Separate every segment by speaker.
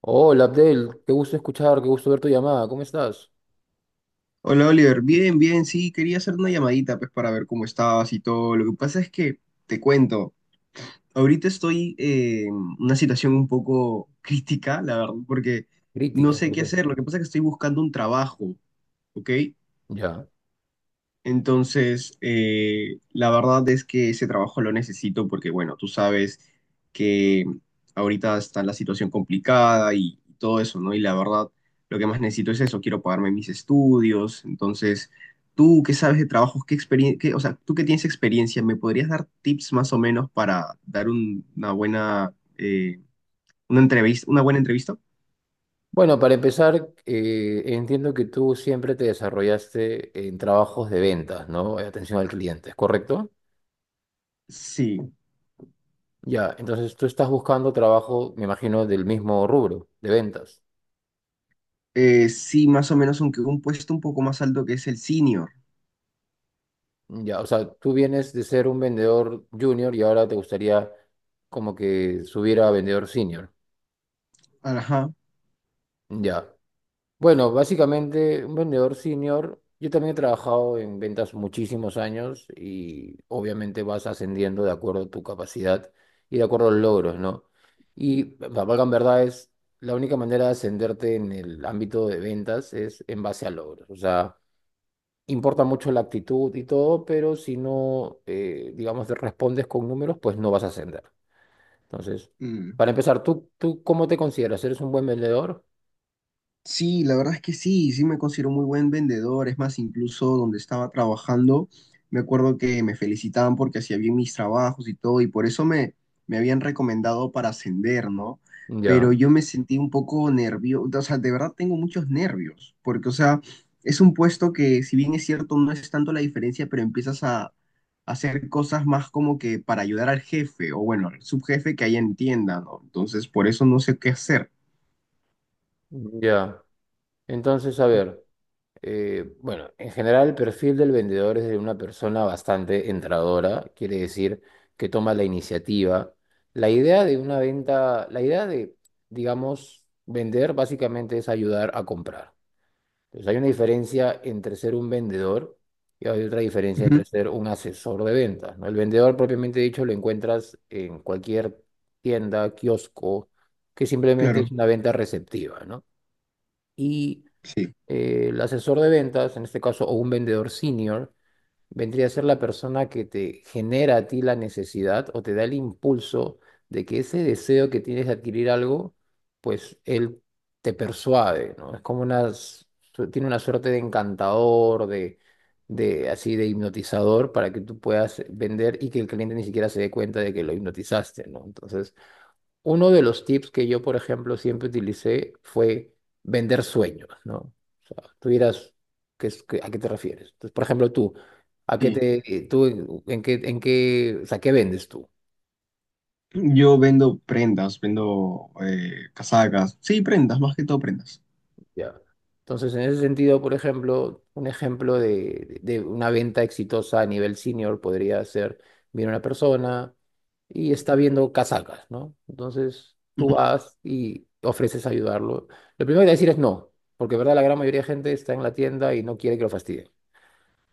Speaker 1: Hola Abdel, qué gusto escuchar, qué gusto ver tu llamada. ¿Cómo estás?
Speaker 2: Hola Oliver, bien, bien, sí, quería hacer una llamadita pues para ver cómo estabas y todo. Lo que pasa es que te cuento, ahorita estoy en una situación un poco crítica, la verdad, porque no
Speaker 1: Crítica,
Speaker 2: sé
Speaker 1: ¿por
Speaker 2: qué
Speaker 1: qué?
Speaker 2: hacer. Lo que pasa es que estoy buscando un trabajo, ¿ok?
Speaker 1: Ya.
Speaker 2: Entonces, la verdad es que ese trabajo lo necesito porque, bueno, tú sabes que ahorita está la situación complicada y todo eso, ¿no? Y la verdad, lo que más necesito es eso, quiero pagarme mis estudios. Entonces, tú qué sabes de trabajos, qué experiencia, o sea, tú que tienes experiencia, ¿me podrías dar tips más o menos para dar una buena, una entrevista, una buena entrevista?
Speaker 1: Bueno, para empezar, entiendo que tú siempre te desarrollaste en trabajos de ventas, ¿no? Atención al cliente, ¿es correcto?
Speaker 2: Sí,
Speaker 1: Ya, entonces tú estás buscando trabajo, me imagino, del mismo rubro, de ventas.
Speaker 2: sí, más o menos, aunque un puesto un poco más alto que es el senior.
Speaker 1: Ya, o sea, tú vienes de ser un vendedor junior y ahora te gustaría como que subir a vendedor senior.
Speaker 2: Ajá.
Speaker 1: Ya. Bueno, básicamente un vendedor senior, yo también he trabajado en ventas muchísimos años y obviamente vas ascendiendo de acuerdo a tu capacidad y de acuerdo a los logros, ¿no? Y para valgan verdades, la única manera de ascenderte en el ámbito de ventas es en base a logros. O sea, importa mucho la actitud y todo, pero si no, digamos, te respondes con números, pues no vas a ascender. Entonces,
Speaker 2: Mm.
Speaker 1: para empezar, ¿tú cómo te consideras? ¿Eres un buen vendedor?
Speaker 2: Sí, la verdad es que sí, sí me considero muy buen vendedor. Es más, incluso donde estaba trabajando, me acuerdo que me felicitaban porque hacía bien mis trabajos y todo, y por eso me habían recomendado para ascender, ¿no? Pero
Speaker 1: Ya,
Speaker 2: yo me sentí un poco nervioso, o sea, de verdad tengo muchos nervios, porque, o sea, es un puesto que, si bien es cierto, no es tanto la diferencia, pero empiezas a hacer cosas más como que para ayudar al jefe, o bueno, al subjefe que ahí entienda, ¿no? Entonces, por eso no sé qué hacer.
Speaker 1: ya. Entonces, a ver, bueno, en general el perfil del vendedor es de una persona bastante entradora, quiere decir que toma la iniciativa. La idea de una venta, la idea digamos, vender básicamente es ayudar a comprar. Entonces, hay una diferencia entre ser un vendedor y hay otra diferencia
Speaker 2: Ujú.
Speaker 1: entre ser un asesor de ventas, ¿no? El vendedor propiamente dicho lo encuentras en cualquier tienda, kiosco, que simplemente es
Speaker 2: Claro.
Speaker 1: una venta receptiva, ¿no? Y
Speaker 2: Sí.
Speaker 1: el asesor de ventas, en este caso, o un vendedor senior, vendría a ser la persona que te genera a ti la necesidad o te da el impulso de que ese deseo que tienes de adquirir algo, pues él te persuade, ¿no? Es como una, tiene una suerte de encantador, de así de hipnotizador para que tú puedas vender y que el cliente ni siquiera se dé cuenta de que lo hipnotizaste, ¿no? Entonces, uno de los tips que yo, por ejemplo, siempre utilicé fue vender sueños, ¿no? O sea, tú dirás, ¿a qué te refieres? Entonces, por ejemplo, tú, ¿a qué
Speaker 2: Sí,
Speaker 1: te, tú, en qué, o sea, ¿qué vendes tú?
Speaker 2: yo vendo prendas, vendo casacas, sí, prendas, más que todo prendas.
Speaker 1: Ya. Entonces, en ese sentido, por ejemplo, un ejemplo de una venta exitosa a nivel senior podría ser, viene una persona y está viendo casacas, ¿no? Entonces, tú
Speaker 2: Ujú,
Speaker 1: vas y ofreces ayudarlo. Lo primero que decir es no, porque, ¿verdad? La gran mayoría de gente está en la tienda y no quiere que lo fastidien.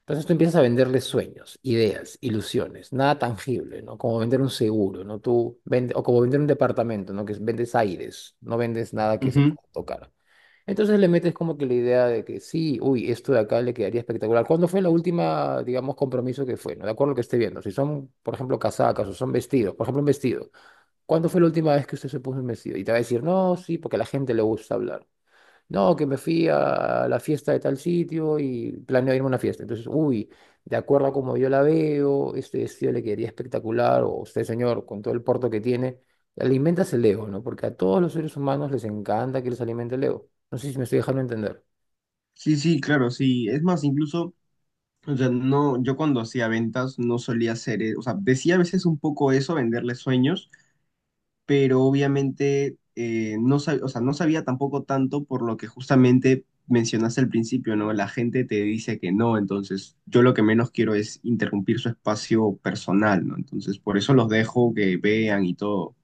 Speaker 1: Entonces, tú empiezas a venderles sueños, ideas, ilusiones, nada tangible, ¿no? Como vender un seguro, ¿no? O como vender un departamento, ¿no? Que vendes aires, no vendes nada que se
Speaker 2: ujú.
Speaker 1: pueda tocar. Entonces le metes como que la idea de que sí, uy, esto de acá le quedaría espectacular. ¿Cuándo fue la última, digamos, compromiso que fue? No, de acuerdo a lo que esté viendo. Si son, por ejemplo, casacas o son vestidos, por ejemplo, un vestido. ¿Cuándo fue la última vez que usted se puso un vestido? Y te va a decir, no, sí, porque a la gente le gusta hablar. No, que me fui a la fiesta de tal sitio y planeo irme a una fiesta. Entonces, uy, de acuerdo a como yo la veo, este vestido le quedaría espectacular, o usted, señor, con todo el porte que tiene, alimentas el ego, ¿no? Porque a todos los seres humanos les encanta que les alimente el ego. No sé si me estoy dejando entender.
Speaker 2: Sí, sí, claro, sí. Es más, incluso, o sea, no, yo cuando hacía ventas no solía hacer, o sea, decía a veces un poco eso, venderle sueños, pero obviamente no sabía, o sea, no sabía tampoco tanto por lo que justamente mencionaste al principio, ¿no? La gente te dice que no, entonces yo lo que menos quiero es interrumpir su espacio personal, ¿no? Entonces, por eso los dejo que vean y todo.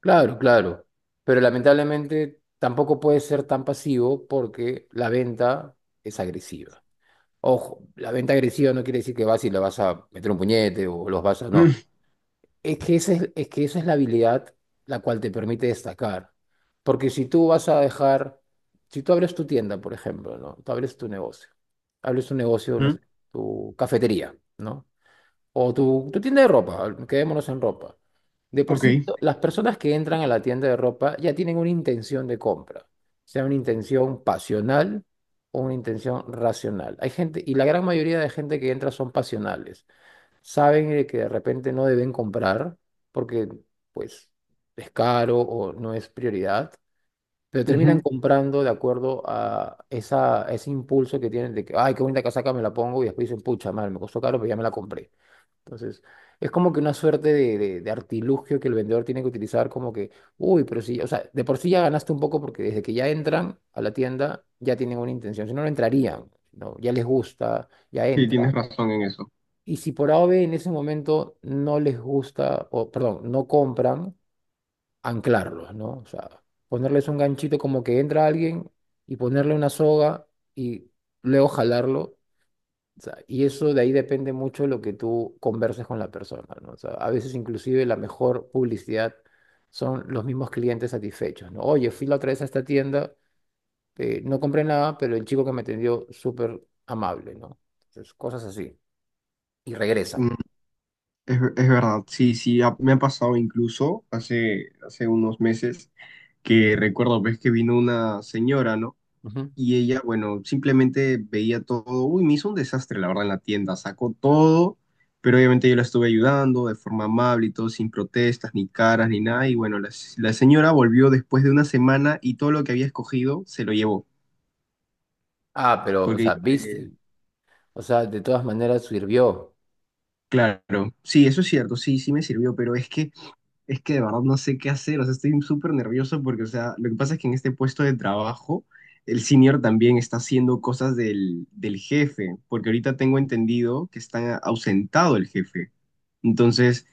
Speaker 1: Claro, claro. Pero lamentablemente tampoco puede ser tan pasivo porque la venta es agresiva. Ojo, la venta agresiva no quiere decir que vas y le vas a meter un puñete o los vas a... No. Es que esa es la habilidad la cual te permite destacar. Porque si tú vas a dejar, si tú abres tu tienda, por ejemplo, ¿no? Tú abres tu negocio, no
Speaker 2: Mm.
Speaker 1: sé, tu cafetería, ¿no? O tu tienda de ropa, quedémonos en ropa. De por
Speaker 2: Ok,
Speaker 1: sí, las personas que entran a la tienda de ropa ya tienen una intención de compra, sea una intención pasional o una intención racional. Hay gente, y la gran mayoría de gente que entra son pasionales, saben de que de repente no deben comprar porque pues es caro o no es prioridad, pero terminan
Speaker 2: ujú.
Speaker 1: comprando de acuerdo a esa, ese impulso que tienen de que, ay, qué bonita casaca, me la pongo y después dicen, pucha, mal, me costó caro, pero ya me la compré. Entonces, es como que una suerte de artilugio que el vendedor tiene que utilizar como que, uy, pero sí, o sea, de por sí ya ganaste un poco porque desde que ya entran a la tienda ya tienen una intención, si no, no entrarían, ¿no? Ya les gusta, ya
Speaker 2: Sí, tienes
Speaker 1: entran.
Speaker 2: razón en eso.
Speaker 1: Y si por A o B en ese momento no les gusta, o perdón, no compran, anclarlos, ¿no? O sea, ponerles un ganchito como que entra alguien y ponerle una soga y luego jalarlo. O sea, y eso de ahí depende mucho de lo que tú converses con la persona, ¿no? O sea, a veces inclusive la mejor publicidad son los mismos clientes satisfechos, ¿no? Oye, fui la otra vez a esta tienda, no compré nada, pero el chico que me atendió súper amable, ¿no? Entonces, cosas así. Y
Speaker 2: Mm.
Speaker 1: regresan.
Speaker 2: Es verdad, sí, sí, me ha pasado incluso hace unos meses que recuerdo, ves que vino una señora, ¿no?
Speaker 1: Ujú.
Speaker 2: Y ella, bueno, simplemente veía todo, uy, me hizo un desastre, la verdad, en la tienda, sacó todo, pero obviamente yo la estuve ayudando de forma amable y todo, sin protestas, ni caras, ni nada, y bueno, la señora volvió después de una semana y todo lo que había escogido se lo llevó,
Speaker 1: Ah, pero, o
Speaker 2: porque
Speaker 1: sea, viste. O sea, de todas maneras sirvió
Speaker 2: claro, sí, eso es cierto, sí, sí me sirvió, pero es que de verdad no sé qué hacer, o sea, estoy súper nervioso porque, o sea, lo que pasa es que en este puesto de trabajo, el senior también está haciendo cosas del jefe, porque ahorita tengo entendido que está ausentado el jefe. Entonces,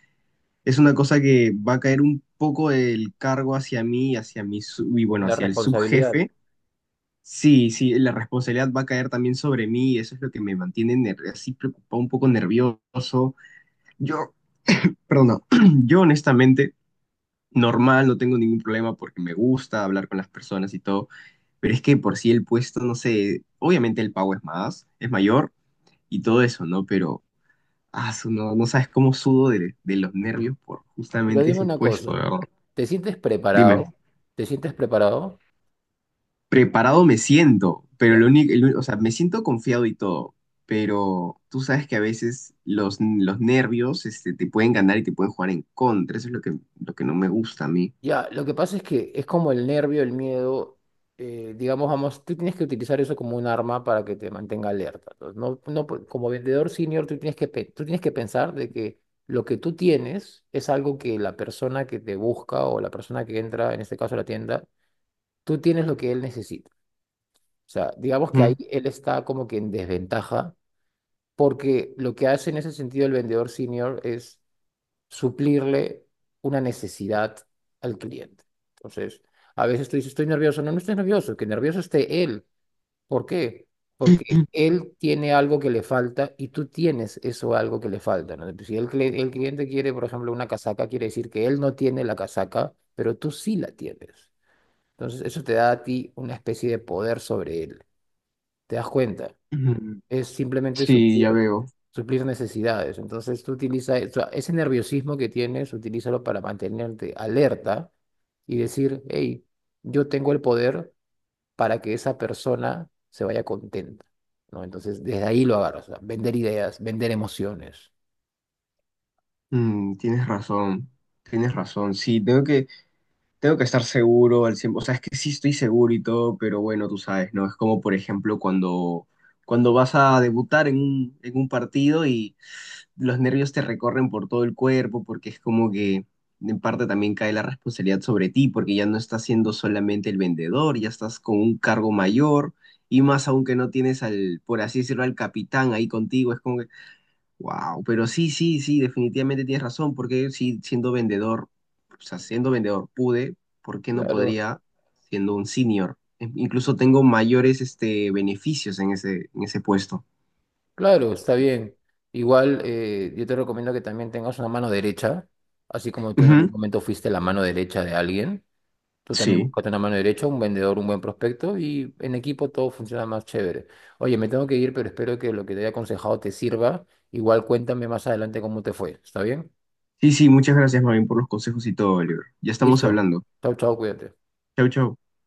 Speaker 2: es una cosa que va a caer un poco el cargo hacia mí, y hacia y bueno,
Speaker 1: la
Speaker 2: hacia el
Speaker 1: responsabilidad.
Speaker 2: subjefe. Sí, sí, la responsabilidad va a caer también sobre mí, y eso es lo que me mantiene así preocupado, un poco nervioso. Yo, Perdón, no. Yo honestamente, normal, no tengo ningún problema porque me gusta hablar con las personas y todo, pero es que por sí el puesto, no sé, obviamente el pago es más, es mayor y todo eso, ¿no? Pero, no, no sabes cómo sudo de los nervios por
Speaker 1: Pero
Speaker 2: justamente
Speaker 1: dime
Speaker 2: ese
Speaker 1: una
Speaker 2: puesto, de
Speaker 1: cosa,
Speaker 2: verdad.
Speaker 1: ¿te sientes
Speaker 2: Dime,
Speaker 1: preparado? ¿Te sientes preparado?
Speaker 2: preparado me siento, pero lo
Speaker 1: Ya.
Speaker 2: único, o sea, me siento confiado y todo, pero tú sabes que a veces los nervios, este, te pueden ganar y te pueden jugar en contra, eso es lo que no me gusta a mí.
Speaker 1: Ya, lo que pasa es que es como el nervio, el miedo, digamos, vamos, tú tienes que utilizar eso como un arma para que te mantenga alerta. Entonces, no, no, como vendedor senior, tú tienes que, tú tienes que pensar de que lo que tú tienes es algo que la persona que te busca o la persona que entra, en este caso a la tienda, tú tienes lo que él necesita. O sea, digamos que ahí él está como que en desventaja, porque lo que hace en ese sentido el vendedor senior es suplirle una necesidad al cliente. Entonces, a veces tú dices, estoy nervioso. No, no estés nervioso, que nervioso esté él. ¿Por qué? Porque
Speaker 2: Ujú.
Speaker 1: él tiene algo que le falta y tú tienes eso algo que le falta, ¿no? Si el, cli- el cliente quiere, por ejemplo, una casaca, quiere decir que él no tiene la casaca, pero tú sí la tienes. Entonces, eso te da a ti una especie de poder sobre él. ¿Te das cuenta?
Speaker 2: Ujú.
Speaker 1: Es simplemente
Speaker 2: Sí,
Speaker 1: suplir,
Speaker 2: ya veo.
Speaker 1: suplir necesidades. Entonces tú utiliza eso, ese nerviosismo que tienes, utilízalo para mantenerte alerta y decir, hey, yo tengo el poder para que esa persona se vaya contenta, ¿no? Entonces desde ahí lo agarras, o sea, vender ideas, vender emociones.
Speaker 2: Mm, tienes razón, tienes razón. Sí, tengo que estar seguro al 100%. O sea, es que sí estoy seguro y todo, pero bueno, tú sabes, ¿no? Es como, por ejemplo, cuando vas a debutar en en un partido y los nervios te recorren por todo el cuerpo, porque es como que en parte también cae la responsabilidad sobre ti, porque ya no estás siendo solamente el vendedor, ya estás con un cargo mayor. Y más aún que no tienes al, por así decirlo, al capitán ahí contigo, es como wow, pero sí, sí, sí, definitivamente tienes razón, porque si siendo vendedor, o sea, siendo vendedor pude, ¿por qué no
Speaker 1: Claro,
Speaker 2: podría siendo un senior? Incluso tengo mayores este, beneficios en en ese puesto.
Speaker 1: claro, está bien. Igual yo te recomiendo que también tengas una mano derecha, así como tú en algún
Speaker 2: Ujú.
Speaker 1: momento fuiste la mano derecha de alguien. Tú también
Speaker 2: Sí,
Speaker 1: buscas una mano derecha, un vendedor, un buen prospecto y en equipo todo funciona más chévere. Oye, me tengo que ir, pero espero que lo que te haya aconsejado te sirva. Igual cuéntame más adelante cómo te fue. ¿Está bien?
Speaker 2: sí, sí, muchas gracias, Marvin, por los consejos y todo, Oliver. Ya estamos
Speaker 1: Listo.
Speaker 2: hablando.
Speaker 1: Chau, chau, cuídate.
Speaker 2: Chau, chau.